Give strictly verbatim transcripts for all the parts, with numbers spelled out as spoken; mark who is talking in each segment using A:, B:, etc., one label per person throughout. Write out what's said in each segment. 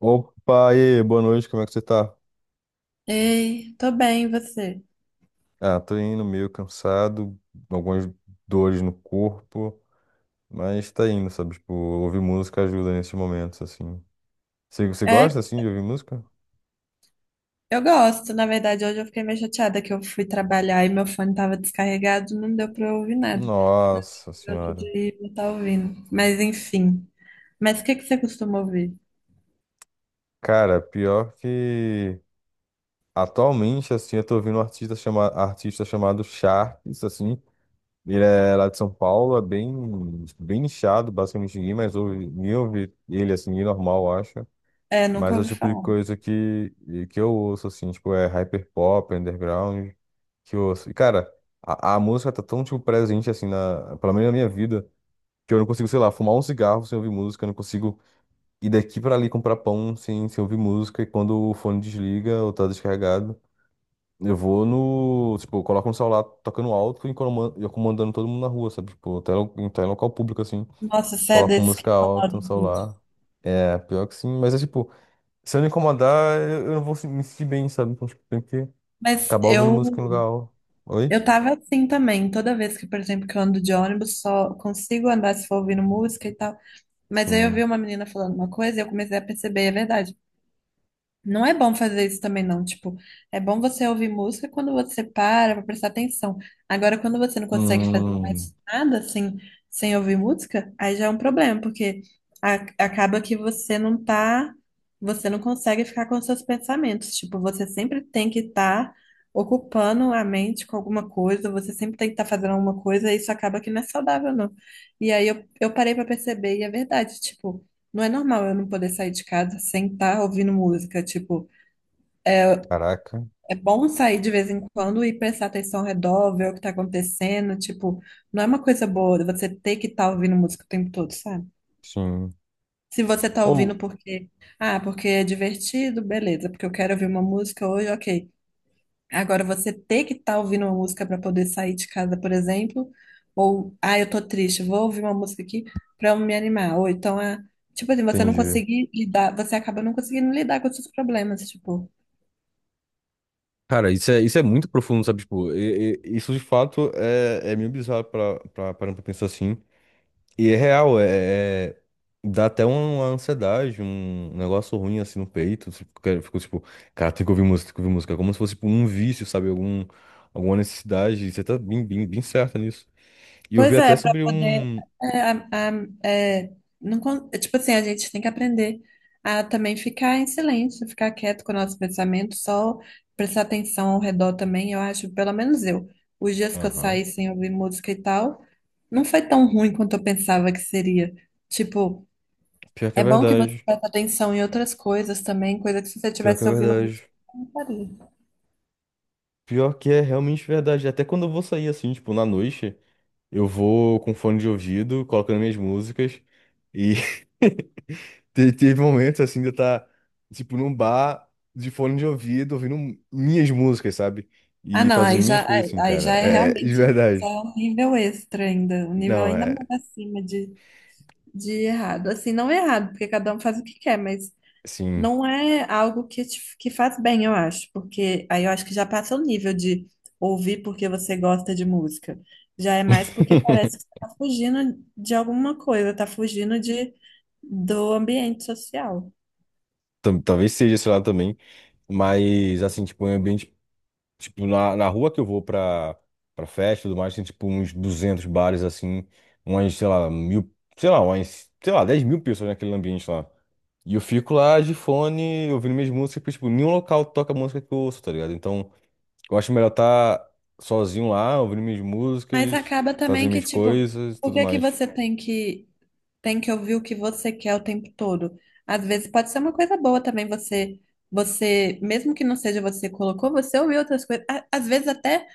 A: Opa, e aí, boa noite, como é que você tá?
B: Ei, tô bem, e você?
A: Ah, tô indo meio cansado, algumas dores no corpo, mas tá indo, sabe? Tipo, ouvir música ajuda nesses momentos, assim. Você, você
B: É,
A: gosta, assim, de ouvir música?
B: eu gosto. Na verdade, hoje eu fiquei meio chateada que eu fui trabalhar e meu fone tava descarregado, não deu pra eu ouvir nada.
A: Nossa
B: Eu gosto
A: senhora.
B: de não tá ouvindo. Mas enfim. Mas o que que você costuma ouvir?
A: Cara, pior que atualmente, assim, eu tô ouvindo um artista, chama... artista chamado Sharks, assim. Ele é lá de São Paulo, é bem, bem nichado, basicamente ninguém mais ouve, ninguém ouve ele, assim, normal, eu acho.
B: É, nunca
A: Mas é o
B: ouvi
A: tipo de
B: falar.
A: coisa que, e que eu ouço, assim, tipo, é hyperpop, underground, que eu ouço. E, cara, a, a música tá tão, tipo, presente, assim, na, pelo menos na minha vida, que eu não consigo, sei lá, fumar um cigarro sem ouvir música, eu não consigo ir daqui pra ali comprar pão sem, sem ouvir música, e quando o fone desliga ou tá descarregado, eu vou no, tipo, eu coloco no celular tocando alto e comando- e comandando todo mundo na rua, sabe? Tipo, até, lo- até em local público, assim,
B: Nossa, você é
A: coloco
B: desse que
A: música
B: canal
A: alta
B: de
A: no
B: vídeo.
A: celular. É, pior que sim, mas é tipo. Se eu não incomodar, eu eu não vou se- me sentir bem, sabe? Então, tipo, tem que
B: Mas
A: acabar ouvindo
B: eu,
A: música em lugar. al- Oi?
B: eu tava assim também, toda vez que, por exemplo, que eu ando de ônibus, só consigo andar se for ouvindo música e tal. Mas aí eu vi
A: Sim.
B: uma menina falando uma coisa e eu comecei a perceber, é verdade. Não é bom fazer isso também, não. Tipo, é bom você ouvir música quando você para pra prestar atenção. Agora, quando você não consegue fazer
A: Hum.
B: mais nada assim, sem ouvir música, aí já é um problema, porque a- acaba que você não tá, você não consegue ficar com seus pensamentos. Tipo, você sempre tem que estar ocupando a mente com alguma coisa, você sempre tem que estar fazendo alguma coisa, e isso acaba que não é saudável, não. E aí eu, eu parei pra perceber, e é verdade, tipo. Não é normal eu não poder sair de casa sem estar ouvindo música. Tipo,
A: Caraca.
B: é bom sair de vez em quando e prestar atenção ao redor, ver o que tá acontecendo. Tipo, não é uma coisa boa você ter que estar ouvindo música o tempo todo, sabe?
A: Sim.
B: Se você tá ouvindo
A: Ou.
B: porque, ah, porque é divertido, beleza, porque eu quero ouvir uma música hoje, ok. Agora, você ter que estar ouvindo uma música para poder sair de casa, por exemplo, ou, ah, eu tô triste, vou ouvir uma música aqui para me animar. Ou então, ah, tipo assim, você não
A: Entendi.
B: conseguir lidar, você acaba não conseguindo lidar com os seus problemas, tipo.
A: Cara, isso é, isso é muito profundo, sabe? Tipo, e- e- isso de fato é, é meio bizarro pra, pra, parando pra pensar assim. E é real, é, é- dá até um, uma ansiedade, um negócio ruim assim no peito. Tipo, que- ficou tipo, cara, tem que ouvir música, tem que ouvir música. É como se fosse tipo, um vício, sabe? Algum, alguma necessidade. Você tá bem, bem, bem certa nisso. E eu vi
B: Pois
A: até
B: é, para
A: sobre
B: poder.
A: um.
B: É, a- a- é, não, con- é, tipo assim, a gente tem que aprender a também ficar em silêncio, ficar quieto com o nosso pensamento, só prestar atenção ao redor também. Eu acho, pelo menos eu, os dias que eu
A: Aham.
B: saí sem ouvir música e tal, não foi tão ruim quanto eu pensava que seria. Tipo,
A: Pior que é
B: é bom que você
A: verdade.
B: presta atenção em outras coisas também, coisa que se você
A: Pior que é
B: tivesse ouvindo música,
A: verdade.
B: você não faria.
A: Pior que é realmente verdade. Até quando eu vou sair assim, tipo, na noite, eu vou com fone de ouvido, colocando minhas músicas. E te- teve momentos assim de eu estar, tipo, num bar de fone de ouvido, ouvindo minhas músicas, sabe?
B: Ah,
A: E
B: não,
A: fazendo
B: aí
A: minhas
B: já,
A: coisas
B: aí,
A: assim,
B: aí
A: cara.
B: já é
A: É é, de
B: realmente já
A: verdade.
B: é um nível extra ainda, um nível
A: Não,
B: ainda
A: é.
B: mais acima de de errado. Assim, não é errado, porque cada um faz o que quer, mas
A: Sim.
B: não é algo que, te- que faz bem, eu acho. Porque aí eu acho que já passa o nível de ouvir porque você gosta de música. Já é mais porque parece que você tá fugindo de alguma coisa, tá fugindo de, do ambiente social.
A: Tam- Talvez seja esse lado também. Mas, assim, tipo, um ambiente. Tipo, na, na rua que eu vou pra, pra festa e tudo mais, tem tipo uns duzentos bares assim, umas, sei lá, mil, sei lá, umas, sei lá, dez mil pessoas naquele ambiente lá. E eu fico lá de fone, ouvindo minhas músicas, porque, tipo, nenhum local toca a música que eu ouço, tá ligado? Então, eu acho melhor estar sozinho lá, ouvindo minhas
B: Mas
A: músicas,
B: acaba também
A: fazendo
B: que,
A: minhas
B: tipo,
A: coisas e
B: por
A: tudo
B: que que
A: mais.
B: você tem que tem que ouvir o que você quer o tempo todo? Às vezes pode ser uma coisa boa também você você, mesmo que não seja você que colocou, você ouviu outras coisas. A- Às vezes até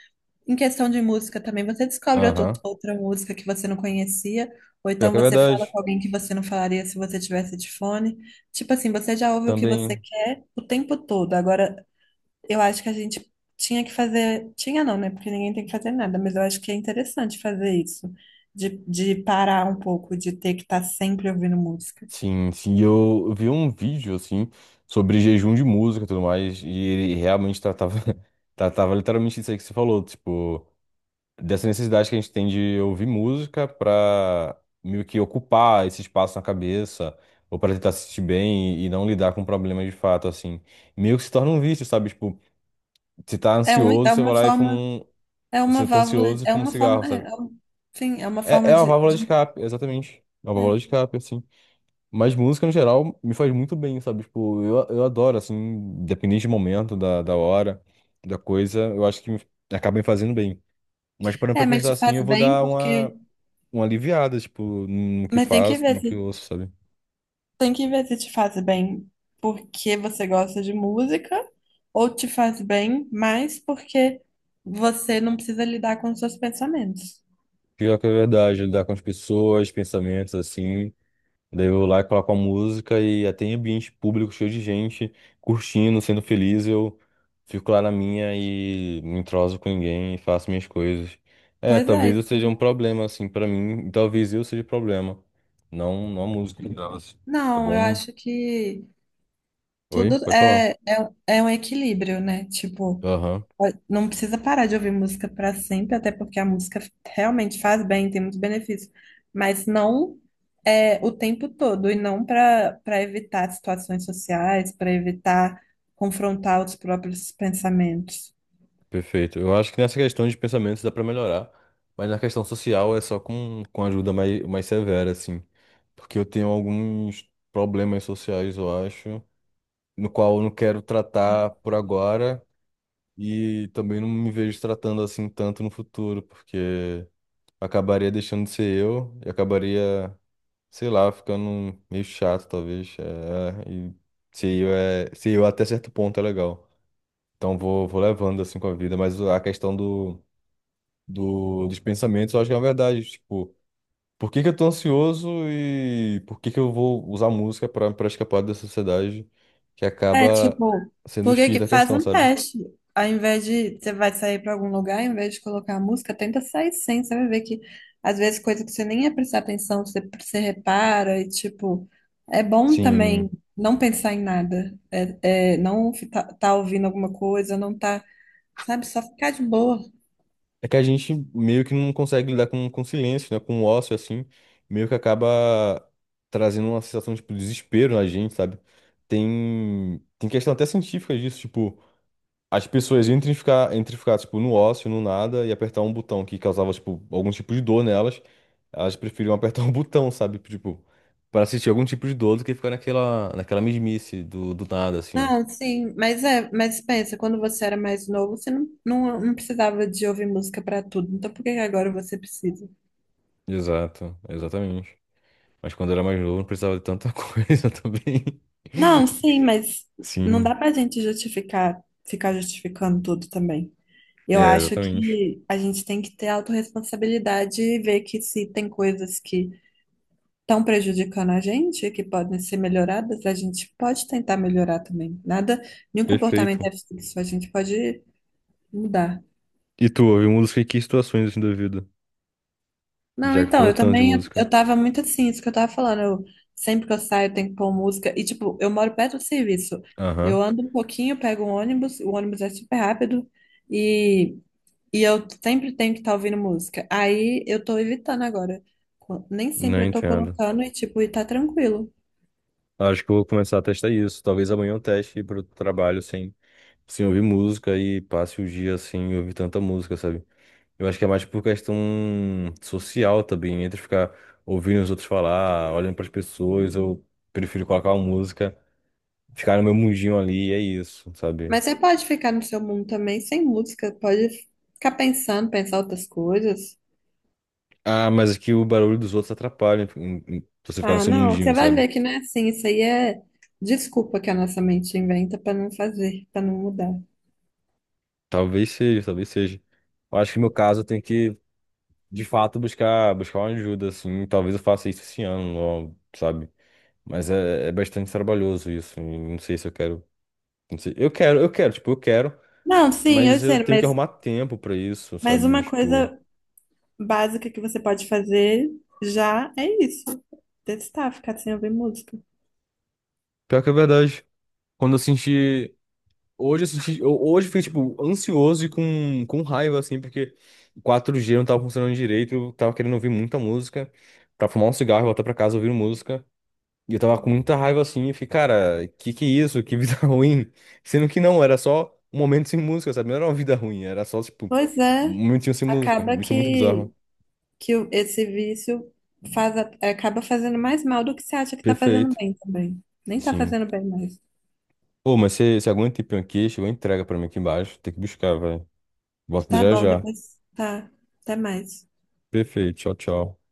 B: em questão de música também, você descobre outro-
A: Aham.
B: outra música que você não conhecia, ou
A: Pior
B: então
A: que é
B: você fala
A: verdade.
B: com alguém que você não falaria se você tivesse de fone. Tipo assim, você já ouve o que você
A: Também.
B: quer o tempo todo. Agora eu acho que a gente tinha que fazer. Tinha não, né? Porque ninguém tem que fazer nada, mas eu acho que é interessante fazer isso, de, de parar um pouco, de ter que estar sempre ouvindo música.
A: Sim, sim, eu vi um vídeo assim sobre jejum de música e tudo mais, e ele realmente tratava, tratava literalmente isso aí que você falou, tipo, dessa necessidade que a gente tem de ouvir música pra meio que ocupar esse espaço na cabeça, ou pra tentar se sentir bem e, não lidar com problemas de fato, assim. Meio que se torna um vício, sabe? Tipo, você tá
B: É, um,
A: ansioso,
B: é
A: você vai
B: uma
A: lá e fuma
B: forma,
A: um.
B: é uma
A: Você tá
B: válvula,
A: ansioso e
B: é
A: fuma um
B: uma
A: cigarro,
B: forma,
A: sabe?
B: é, é um- sim, é uma
A: É,
B: forma
A: é uma
B: de,
A: válvula de
B: de-
A: escape, exatamente. É uma válvula de
B: é.
A: escape, assim. Mas música, no geral, me faz muito bem, sabe? Tipo, eu, eu adoro, assim, independente do momento, da, da hora, da coisa, eu acho que me- acaba me fazendo bem. Mas parando pra
B: É, mas
A: pensar
B: te
A: assim, eu
B: faz
A: vou
B: bem
A: dar uma,
B: porque.
A: uma aliviada, tipo, no que
B: Mas tem que
A: faço,
B: ver
A: no que
B: se,
A: ouço, sabe?
B: tem que ver se te faz bem porque você gosta de música, ou te faz bem mais porque você não precisa lidar com os seus pensamentos.
A: Pior que é verdade, lidar com as pessoas, pensamentos, assim. Daí eu vou lá e coloco a música e até em ambiente público, cheio de gente, curtindo, sendo feliz, eu fico lá na minha e não entroso com ninguém e faço minhas coisas. É,
B: Pois é,
A: talvez eu
B: isso.
A: seja um problema, assim, pra mim, e talvez eu seja problema. Não, não a música em geral, assim. É
B: Não, eu
A: bom.
B: acho que tudo
A: Oi? Pode falar.
B: é, é, um, é um equilíbrio, né? Tipo,
A: Aham,
B: ó, não precisa parar de ouvir música para sempre, até porque a música realmente faz bem, tem muitos benefícios, mas não é o tempo todo, e não para para evitar situações sociais, para evitar confrontar os próprios pensamentos.
A: perfeito. Eu acho que nessa questão de pensamentos dá pra melhorar, mas na questão social é só com, com ajuda mais, mais severa, assim. Porque eu tenho alguns problemas sociais, eu acho, no qual eu não quero tratar por agora e também não me vejo tratando assim tanto no futuro, porque acabaria deixando de ser eu e acabaria, sei lá, ficando meio chato, talvez. É, e ser eu é, ser eu até certo ponto é legal. Então vou, vou levando assim com a vida, mas a questão do, do, dos pensamentos, eu acho que é uma verdade, tipo, por que que eu tô ansioso e por que que eu vou usar música para para escapar da sociedade que
B: É,
A: acaba
B: tipo,
A: sendo o
B: porque
A: xis
B: que
A: da
B: faz
A: questão,
B: um
A: sabe?
B: teste. Ao invés de você vai sair pra algum lugar, ao invés de colocar a música, tenta sair sem. Você vai ver que às vezes coisa que você nem ia prestar atenção, você, você repara e tipo, é bom também
A: Sim.
B: não pensar em nada. É, é, não tá, tá ouvindo alguma coisa, não tá, sabe, só ficar de boa.
A: É que a gente meio que não consegue lidar com, com silêncio, né? Com o ócio, assim. Meio que acaba trazendo uma sensação, tipo, de desespero na gente, sabe? Tem, tem questão até científica disso, tipo, as pessoas entre ficar, entre ficar, tipo, no ócio, no nada, e apertar um botão que causava, tipo, algum tipo de dor nelas, elas preferiam apertar um botão, sabe? Tipo, para sentir algum tipo de dor do que ficar naquela, naquela mesmice do, do nada, assim.
B: Não, sim, mas é, mas pensa, quando você era mais novo, você não, não, não precisava de ouvir música pra tudo. Então por que que agora você precisa?
A: Exato, exatamente. Mas quando eu era mais novo, não precisava de tanta coisa também.
B: Não, sim, mas não
A: Sim,
B: dá pra gente justificar, ficar justificando tudo também. Eu
A: é,
B: acho
A: exatamente.
B: que a gente tem que ter autorresponsabilidade e ver que se tem coisas que estão prejudicando a gente, que podem ser melhoradas, a gente pode tentar melhorar também. Nada, nenhum comportamento
A: Perfeito.
B: é fixo, a gente pode mudar.
A: E tu, ouve música em que situações assim da vida?
B: Não,
A: Já que
B: então,
A: falou
B: eu
A: tanto de
B: também, eu,
A: música.
B: eu tava muito assim, isso que eu tava falando, eu, sempre que eu saio eu tenho que pôr música, e tipo, eu moro perto do serviço,
A: Aham.
B: eu ando um pouquinho, pego um ônibus, o ônibus é super rápido, e, e eu sempre tenho que estar ouvindo música, aí eu tô evitando agora, Co- nem
A: Não
B: sempre eu tô
A: entendo.
B: colocando, e tipo, e tá tranquilo,
A: Acho que eu vou começar a testar isso. Talvez amanhã eu teste ir pro trabalho sem, sem ouvir música e passe o dia sem ouvir tanta música, sabe? Eu acho que é mais por questão social também, entre ficar ouvindo os outros falar, olhando pras pessoas, eu prefiro colocar uma música, ficar no meu mundinho ali, é isso, sabe?
B: mas você pode ficar no seu mundo também, sem música, pode ficar pensando, pensar outras coisas.
A: Ah, mas aqui o barulho dos outros atrapalha em- em você ficar no
B: Ah,
A: seu
B: não, você
A: mundinho,
B: vai
A: sabe?
B: ver que não é assim. Isso aí é desculpa que a nossa mente inventa para não fazer, para não mudar.
A: Talvez seja, talvez seja. Eu acho que no meu caso eu tenho que, de fato, buscar, buscar uma ajuda, assim. Talvez eu faça isso esse ano, ó, sabe? Mas é, é bastante trabalhoso isso. E não sei se eu quero. Não sei. Eu quero, eu quero, tipo, eu quero,
B: Não, sim, eu
A: mas eu
B: sei,
A: tenho que
B: mas,
A: arrumar tempo pra isso,
B: mas
A: sabe?
B: uma
A: Tipo,
B: coisa básica que você pode fazer já é isso. Testar, ficar sem ouvir música.
A: pior que é verdade. Quando eu senti. Hoje, eu senti, eu- hoje eu fiquei, tipo, ansioso e com, com raiva, assim, porque quatro g não tava funcionando direito, eu tava querendo ouvir muita música, pra fumar um cigarro e voltar pra casa ouvindo música. E eu tava com muita raiva, assim, e fiquei, cara, que que é isso? Que vida ruim. Sendo que não, era só um momento sem música, sabe? Não era uma vida ruim, era só, tipo,
B: Pois
A: um
B: é,
A: momentinho sem música.
B: acaba
A: Isso é muito
B: que,
A: bizarro.
B: que o- esse vício faz, a- acaba fazendo mais mal do que você acha que tá fazendo
A: Perfeito.
B: bem também. Nem tá
A: Sim.
B: fazendo bem mais.
A: Pô, mas você você aguenta ir pra um queixo, entrega pra mim aqui embaixo. Tem que buscar, velho. Volta
B: Tá
A: já
B: bom,
A: já.
B: depois tá. Até mais.
A: Perfeito. Tchau, tchau.